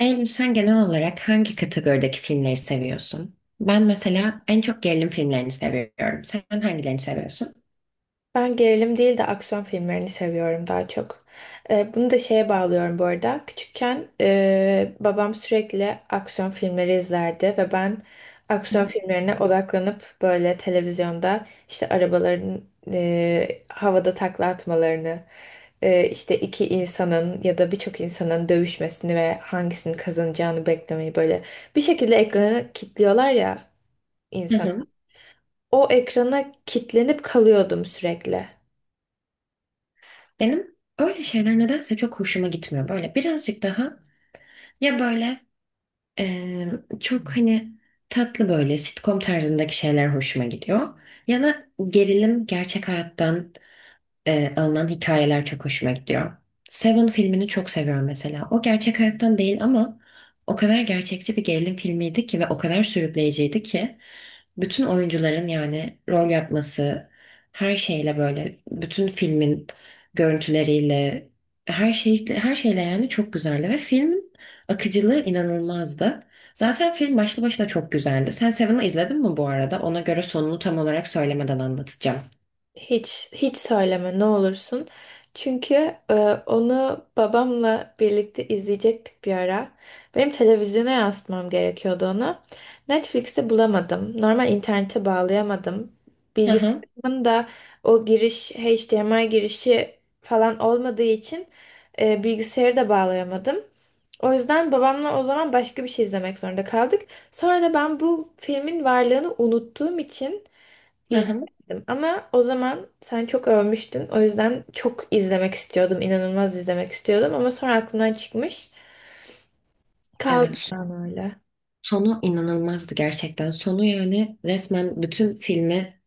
Eylül, sen genel olarak hangi kategorideki filmleri seviyorsun? Ben mesela en çok gerilim filmlerini seviyorum. Sen hangilerini seviyorsun? Ben gerilim değil de aksiyon filmlerini seviyorum daha çok. Bunu da şeye bağlıyorum bu arada. Küçükken babam sürekli aksiyon filmleri izlerdi ve ben aksiyon filmlerine odaklanıp böyle televizyonda işte arabaların havada takla atmalarını, işte iki insanın ya da birçok insanın dövüşmesini ve hangisinin kazanacağını beklemeyi böyle bir şekilde ekrana kilitliyorlar ya Hı insan. hı. O ekrana kilitlenip kalıyordum sürekli. Benim öyle şeyler nedense çok hoşuma gitmiyor. Böyle birazcık daha ya böyle eee, çok hani tatlı böyle sitcom tarzındaki şeyler hoşuma gidiyor. Ya da gerilim gerçek hayattan alınan hikayeler çok hoşuma gidiyor. Seven filmini çok seviyorum mesela. O gerçek hayattan değil ama o kadar gerçekçi bir gerilim filmiydi ki ve o kadar sürükleyiciydi ki bütün oyuncuların yani rol yapması, her şeyle böyle bütün filmin görüntüleriyle her şeyle yani çok güzeldi ve filmin akıcılığı inanılmazdı. Zaten film başlı başına çok güzeldi. Sen Seven'ı izledin mi bu arada? Ona göre sonunu tam olarak söylemeden anlatacağım. Hiç söyleme ne olursun. Çünkü e, onu babamla birlikte izleyecektik bir ara. Benim televizyona yansıtmam gerekiyordu onu. Netflix'te bulamadım. Normal internete bağlayamadım. Hı hı, Bilgisayarımın da o giriş HDMI girişi falan olmadığı için bilgisayarı da bağlayamadım. O yüzden babamla o zaman başka bir şey izlemek zorunda kaldık. Sonra da ben bu filmin varlığını unuttuğum için hı hı. İzledim ama o zaman sen çok övmüştün. O yüzden çok izlemek istiyordum, inanılmaz izlemek istiyordum ama sonra aklımdan çıkmış. Kaldı Evet. yani öyle. Sonu inanılmazdı gerçekten. Sonu yani resmen bütün filmi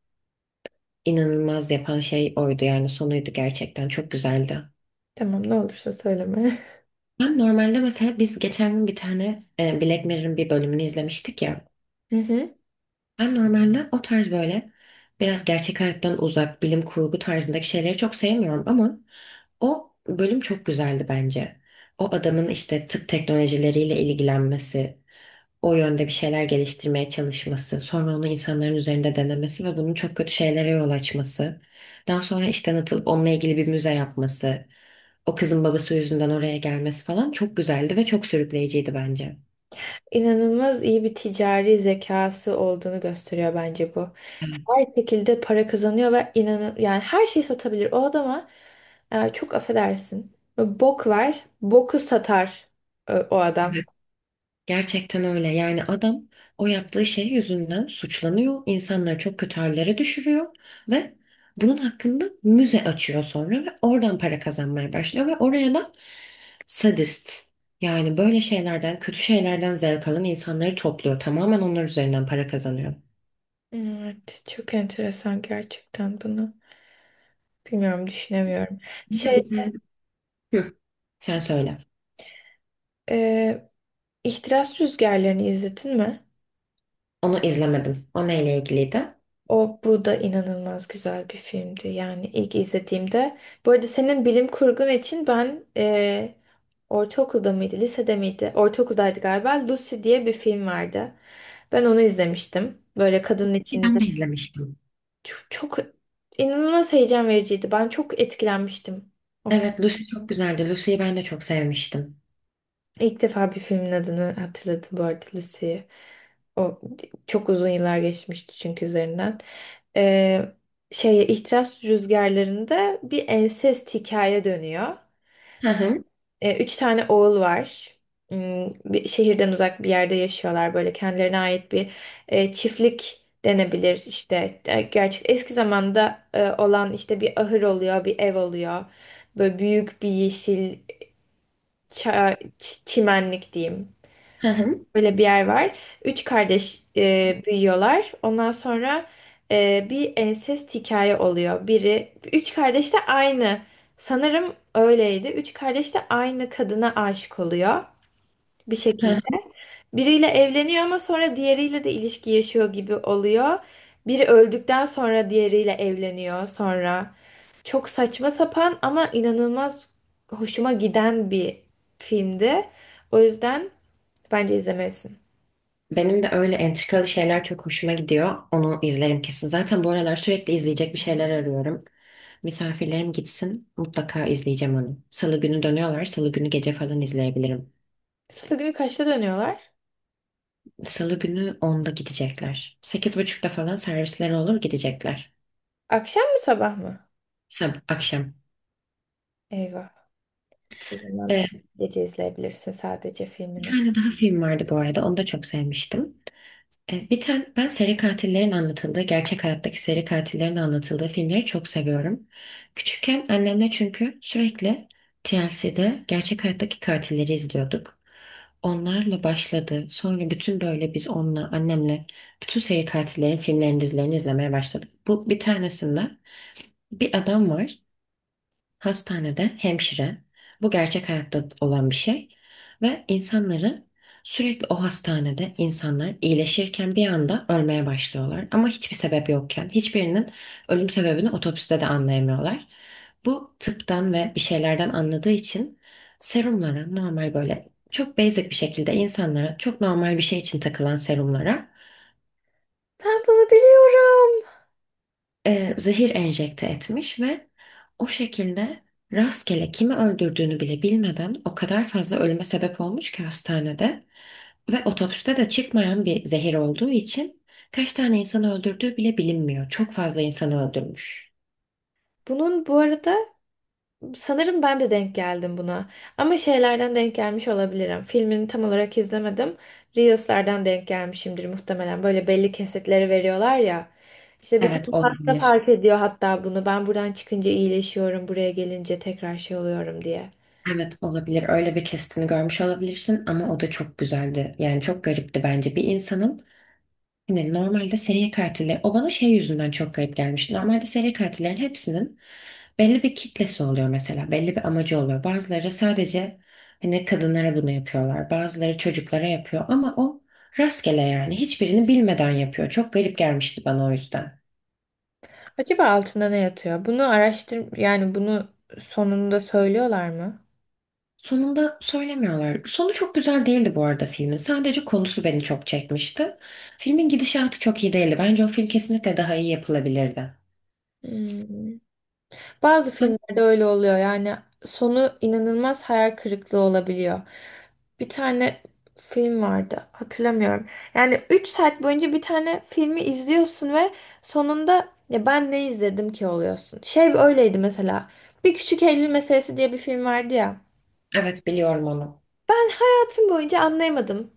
inanılmaz yapan şey oydu yani sonuydu gerçekten çok güzeldi. Tamam ne olursa söyleme. Ben normalde mesela biz geçen gün bir tane Black Mirror'ın bir bölümünü izlemiştik ya. Hı hı. Ben normalde o tarz böyle biraz gerçek hayattan uzak bilim kurgu tarzındaki şeyleri çok sevmiyorum ama o bölüm çok güzeldi bence. O adamın işte tıp teknolojileriyle ilgilenmesi, o yönde bir şeyler geliştirmeye çalışması, sonra onu insanların üzerinde denemesi ve bunun çok kötü şeylere yol açması, daha sonra işten atılıp onunla ilgili bir müze yapması, o kızın babası yüzünden oraya gelmesi falan çok güzeldi ve çok sürükleyiciydi bence. İnanılmaz iyi bir ticari zekası olduğunu gösteriyor bence bu. Evet, Her şekilde para kazanıyor ve inanın yani her şeyi satabilir o adama. Çok affedersin. Bok var, boku satar o adam. evet. Gerçekten öyle. Yani adam o yaptığı şey yüzünden suçlanıyor, insanları çok kötü hallere düşürüyor ve bunun hakkında müze açıyor sonra ve oradan para kazanmaya başlıyor ve oraya da sadist. Yani böyle şeylerden, kötü şeylerden zevk alan insanları topluyor. Tamamen onlar üzerinden para kazanıyor. Evet, çok enteresan gerçekten bunu. Bilmiyorum düşünemiyorum. Bir de Şey, bir tane Hı, sen söyle. e, İhtiras Rüzgarları'nı izledin mi? Onu izlemedim. O neyle ilgiliydi? O, bu da inanılmaz güzel bir filmdi. Yani ilk izlediğimde. Bu arada senin bilim kurgun için ben, ortaokulda mıydı, lisede miydi? Ortaokuldaydı galiba. Lucy diye bir film vardı. Ben onu izlemiştim. Böyle kadının Ben içinde. de izlemiştim. Çok inanılmaz heyecan vericiydi. Ben çok etkilenmiştim o. Evet, Lucy çok güzeldi. Lucy'yi ben de çok sevmiştim. İlk defa bir filmin adını hatırladım bu arada, Lucy'yi. O çok uzun yıllar geçmişti çünkü üzerinden. Ee, Şeye, İhtiras Rüzgarları'nda bir ensest hikaye dönüyor. Hı hı, Üç tane oğul var. Hmm, bir şehirden uzak bir yerde yaşıyorlar. Böyle kendilerine ait bir çiftlik denebilir işte. E, gerçek eski zamanda olan işte bir ahır oluyor, bir ev oluyor. Böyle büyük bir yeşil çimenlik diyeyim. hı hı. Böyle bir yer var. Üç kardeş büyüyorlar. Ondan sonra bir ensest hikaye oluyor. Biri, üç kardeş de aynı. Sanırım öyleydi. Üç kardeş de aynı kadına aşık oluyor bir hı şekilde. Biriyle evleniyor ama sonra diğeriyle de ilişki yaşıyor gibi oluyor. Biri öldükten sonra diğeriyle evleniyor sonra. Çok saçma sapan ama inanılmaz hoşuma giden bir filmdi. O yüzden bence izlemelisin. Benim de öyle entrikalı şeyler çok hoşuma gidiyor. Onu izlerim kesin. Zaten bu aralar sürekli izleyecek bir şeyler arıyorum. Misafirlerim gitsin mutlaka izleyeceğim onu. Salı günü dönüyorlar. Salı günü gece falan izleyebilirim. Salı günü kaçta dönüyorlar? Salı günü onda gidecekler. Sekiz buçukta falan servisleri olur gidecekler. Akşam mı sabah mı? Akşam. Eyvah. O zaman Ee, gece izleyebilirsin sadece bir filmini. tane daha film vardı bu arada. Onu da çok sevmiştim. Bir tane ben seri katillerin anlatıldığı, gerçek hayattaki seri katillerin anlatıldığı filmleri çok seviyorum. Küçükken annemle çünkü sürekli TLC'de gerçek hayattaki katilleri izliyorduk. Onlarla başladı. Sonra bütün böyle biz onunla, annemle bütün seri katillerin filmlerini, dizilerini izlemeye başladık. Bu bir tanesinde bir adam var. Hastanede hemşire, bu gerçek hayatta olan bir şey ve insanları sürekli o hastanede insanlar iyileşirken bir anda ölmeye başlıyorlar ama hiçbir sebep yokken hiçbirinin ölüm sebebini otopside de anlayamıyorlar. Bu tıptan ve bir şeylerden anladığı için serumlara normal böyle çok basic bir şekilde insanlara çok normal bir şey için takılan serumlara Ben bunu biliyorum. Zehir enjekte etmiş ve o şekilde rastgele kimi öldürdüğünü bile bilmeden o kadar fazla ölüme sebep olmuş ki hastanede ve otopside de çıkmayan bir zehir olduğu için kaç tane insanı öldürdüğü bile bilinmiyor. Çok fazla insanı öldürmüş. Bunun bu arada sanırım ben de denk geldim buna. Ama şeylerden denk gelmiş olabilirim. Filmini tam olarak izlemedim. Reels'lerden denk gelmişimdir muhtemelen. Böyle belli kesitleri veriyorlar ya. İşte bir tane Evet hasta olabilir. fark ediyor hatta bunu. Ben buradan çıkınca iyileşiyorum, buraya gelince tekrar şey oluyorum diye. Evet olabilir. Öyle bir kestini görmüş olabilirsin ama o da çok güzeldi. Yani çok garipti bence bir insanın hani normalde seri katiller, o bana şey yüzünden çok garip gelmiş. Normalde seri katillerin hepsinin belli bir kitlesi oluyor mesela. Belli bir amacı oluyor. Bazıları sadece hani kadınlara bunu yapıyorlar. Bazıları çocuklara yapıyor ama o rastgele yani. Hiçbirini bilmeden yapıyor. Çok garip gelmişti bana o yüzden. Acaba altında ne yatıyor? Bunu araştır, yani bunu sonunda söylüyorlar mı? Sonunda söylemiyorlar. Sonu çok güzel değildi bu arada filmin. Sadece konusu beni çok çekmişti. Filmin gidişatı çok iyi değildi. Bence o film kesinlikle daha iyi yapılabilirdi. Hmm. Bazı Ben, filmlerde öyle oluyor. Yani sonu inanılmaz hayal kırıklığı olabiliyor. Bir tane film vardı, hatırlamıyorum. Yani 3 saat boyunca bir tane filmi izliyorsun ve sonunda ya ben ne izledim ki oluyorsun. Şey öyleydi mesela. Bir Küçük Eylül Meselesi diye bir film vardı ya. evet biliyorum onu. Ben hayatım boyunca anlayamadım.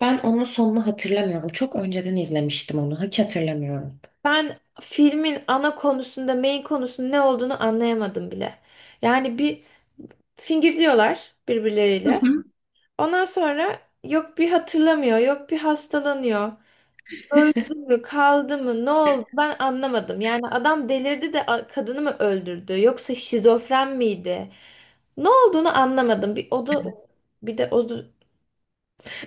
Ben onun sonunu hatırlamıyorum. Çok önceden izlemiştim onu. Hiç hatırlamıyorum. Ben filmin ana konusunda, main konusunun ne olduğunu anlayamadım bile. Yani bir, fingirdiyorlar Hı birbirleriyle. hı. Ondan sonra yok bir hatırlamıyor, yok bir hastalanıyor. Öldü mü, kaldı mı, ne oldu ben anlamadım. Yani adam delirdi de kadını mı öldürdü, yoksa şizofren miydi? Ne olduğunu anlamadım. Bir o da bir de o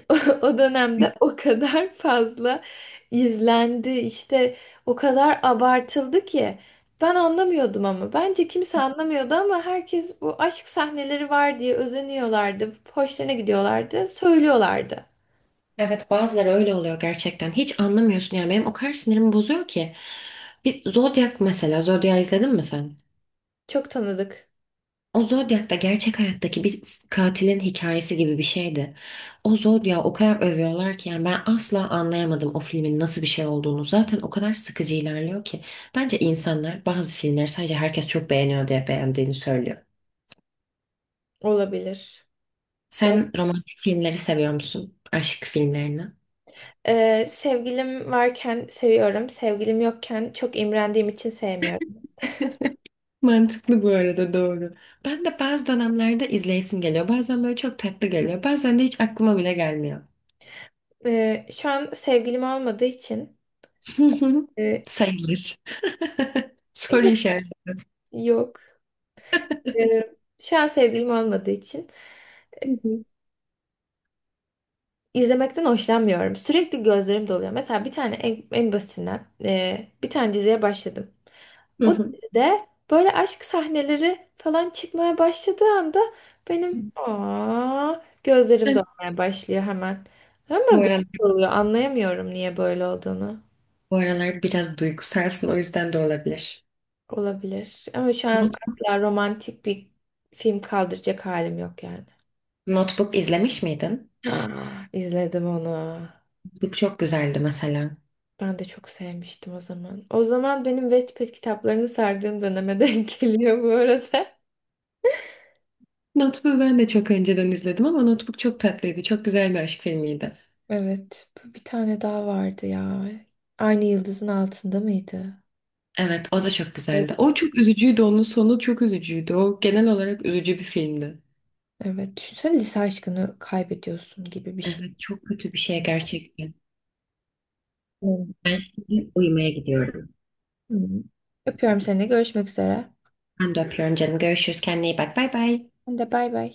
o dönemde o kadar fazla izlendi, işte o kadar abartıldı ki ben anlamıyordum ama bence kimse anlamıyordu ama herkes bu aşk sahneleri var diye özeniyorlardı, hoşlarına gidiyorlardı, söylüyorlardı. Evet bazıları öyle oluyor gerçekten. Hiç anlamıyorsun yani benim o kadar sinirimi bozuyor ki. Bir Zodiac mesela Zodiac izledin mi sen? Çok tanıdık O Zodiac da gerçek hayattaki bir katilin hikayesi gibi bir şeydi. O Zodiac'ı o kadar övüyorlar ki yani ben asla anlayamadım o filmin nasıl bir şey olduğunu. Zaten o kadar sıkıcı ilerliyor ki. Bence insanlar bazı filmleri sadece herkes çok beğeniyor diye beğendiğini söylüyor. olabilir. Sen romantik filmleri seviyor musun? Aşk filmlerini? Sevgilim varken seviyorum, sevgilim yokken çok imrendiğim için sevmiyorum. Mantıklı bu arada, doğru. Ben de bazı dönemlerde izleyesim geliyor. Bazen böyle çok tatlı geliyor. Bazen de hiç aklıma bile gelmiyor. Şu an sevgilim olmadığı için e, Sayılır. Soru işareti. yok. Ee, Şu an sevgilim olmadığı için Hı hı. izlemekten hoşlanmıyorum. Sürekli gözlerim doluyor. Mesela bir tane en basitinden bir tane diziye başladım. Hı O hı. dizide böyle aşk sahneleri falan çıkmaya başladığı anda benim gözlerim Ben dolmaya başlıyor hemen. Ama Bu gözüm aralar, doluyor. Anlayamıyorum niye böyle olduğunu. bu aralar biraz duygusalsın o yüzden de olabilir. Olabilir. Ama şu an Not- asla romantik bir film kaldıracak halim yok yani. Notebook izlemiş miydin? İzledim onu. Notebook çok güzeldi mesela. Ben de çok sevmiştim o zaman. O zaman benim Wattpad kitaplarını sardığım döneme denk geliyor bu arada. Notebook'u ben de çok önceden izledim ama Notebook çok tatlıydı. Çok güzel bir aşk filmiydi. Evet, bu, bir tane daha vardı ya. Aynı yıldızın altında mıydı? Evet, o da çok O- güzeldi. O çok üzücüydü, onun sonu çok üzücüydü. O genel olarak üzücü bir filmdi. Evet, düşünsene lise aşkını kaybediyorsun gibi bir şey. Evet, çok kötü bir şey gerçekten. Ben şimdi uyumaya gidiyorum. Hmm. Öpüyorum seni, görüşmek üzere. Ben de öpüyorum canım. Görüşürüz. Kendine iyi bak. Bay bay. Ben de bay bay.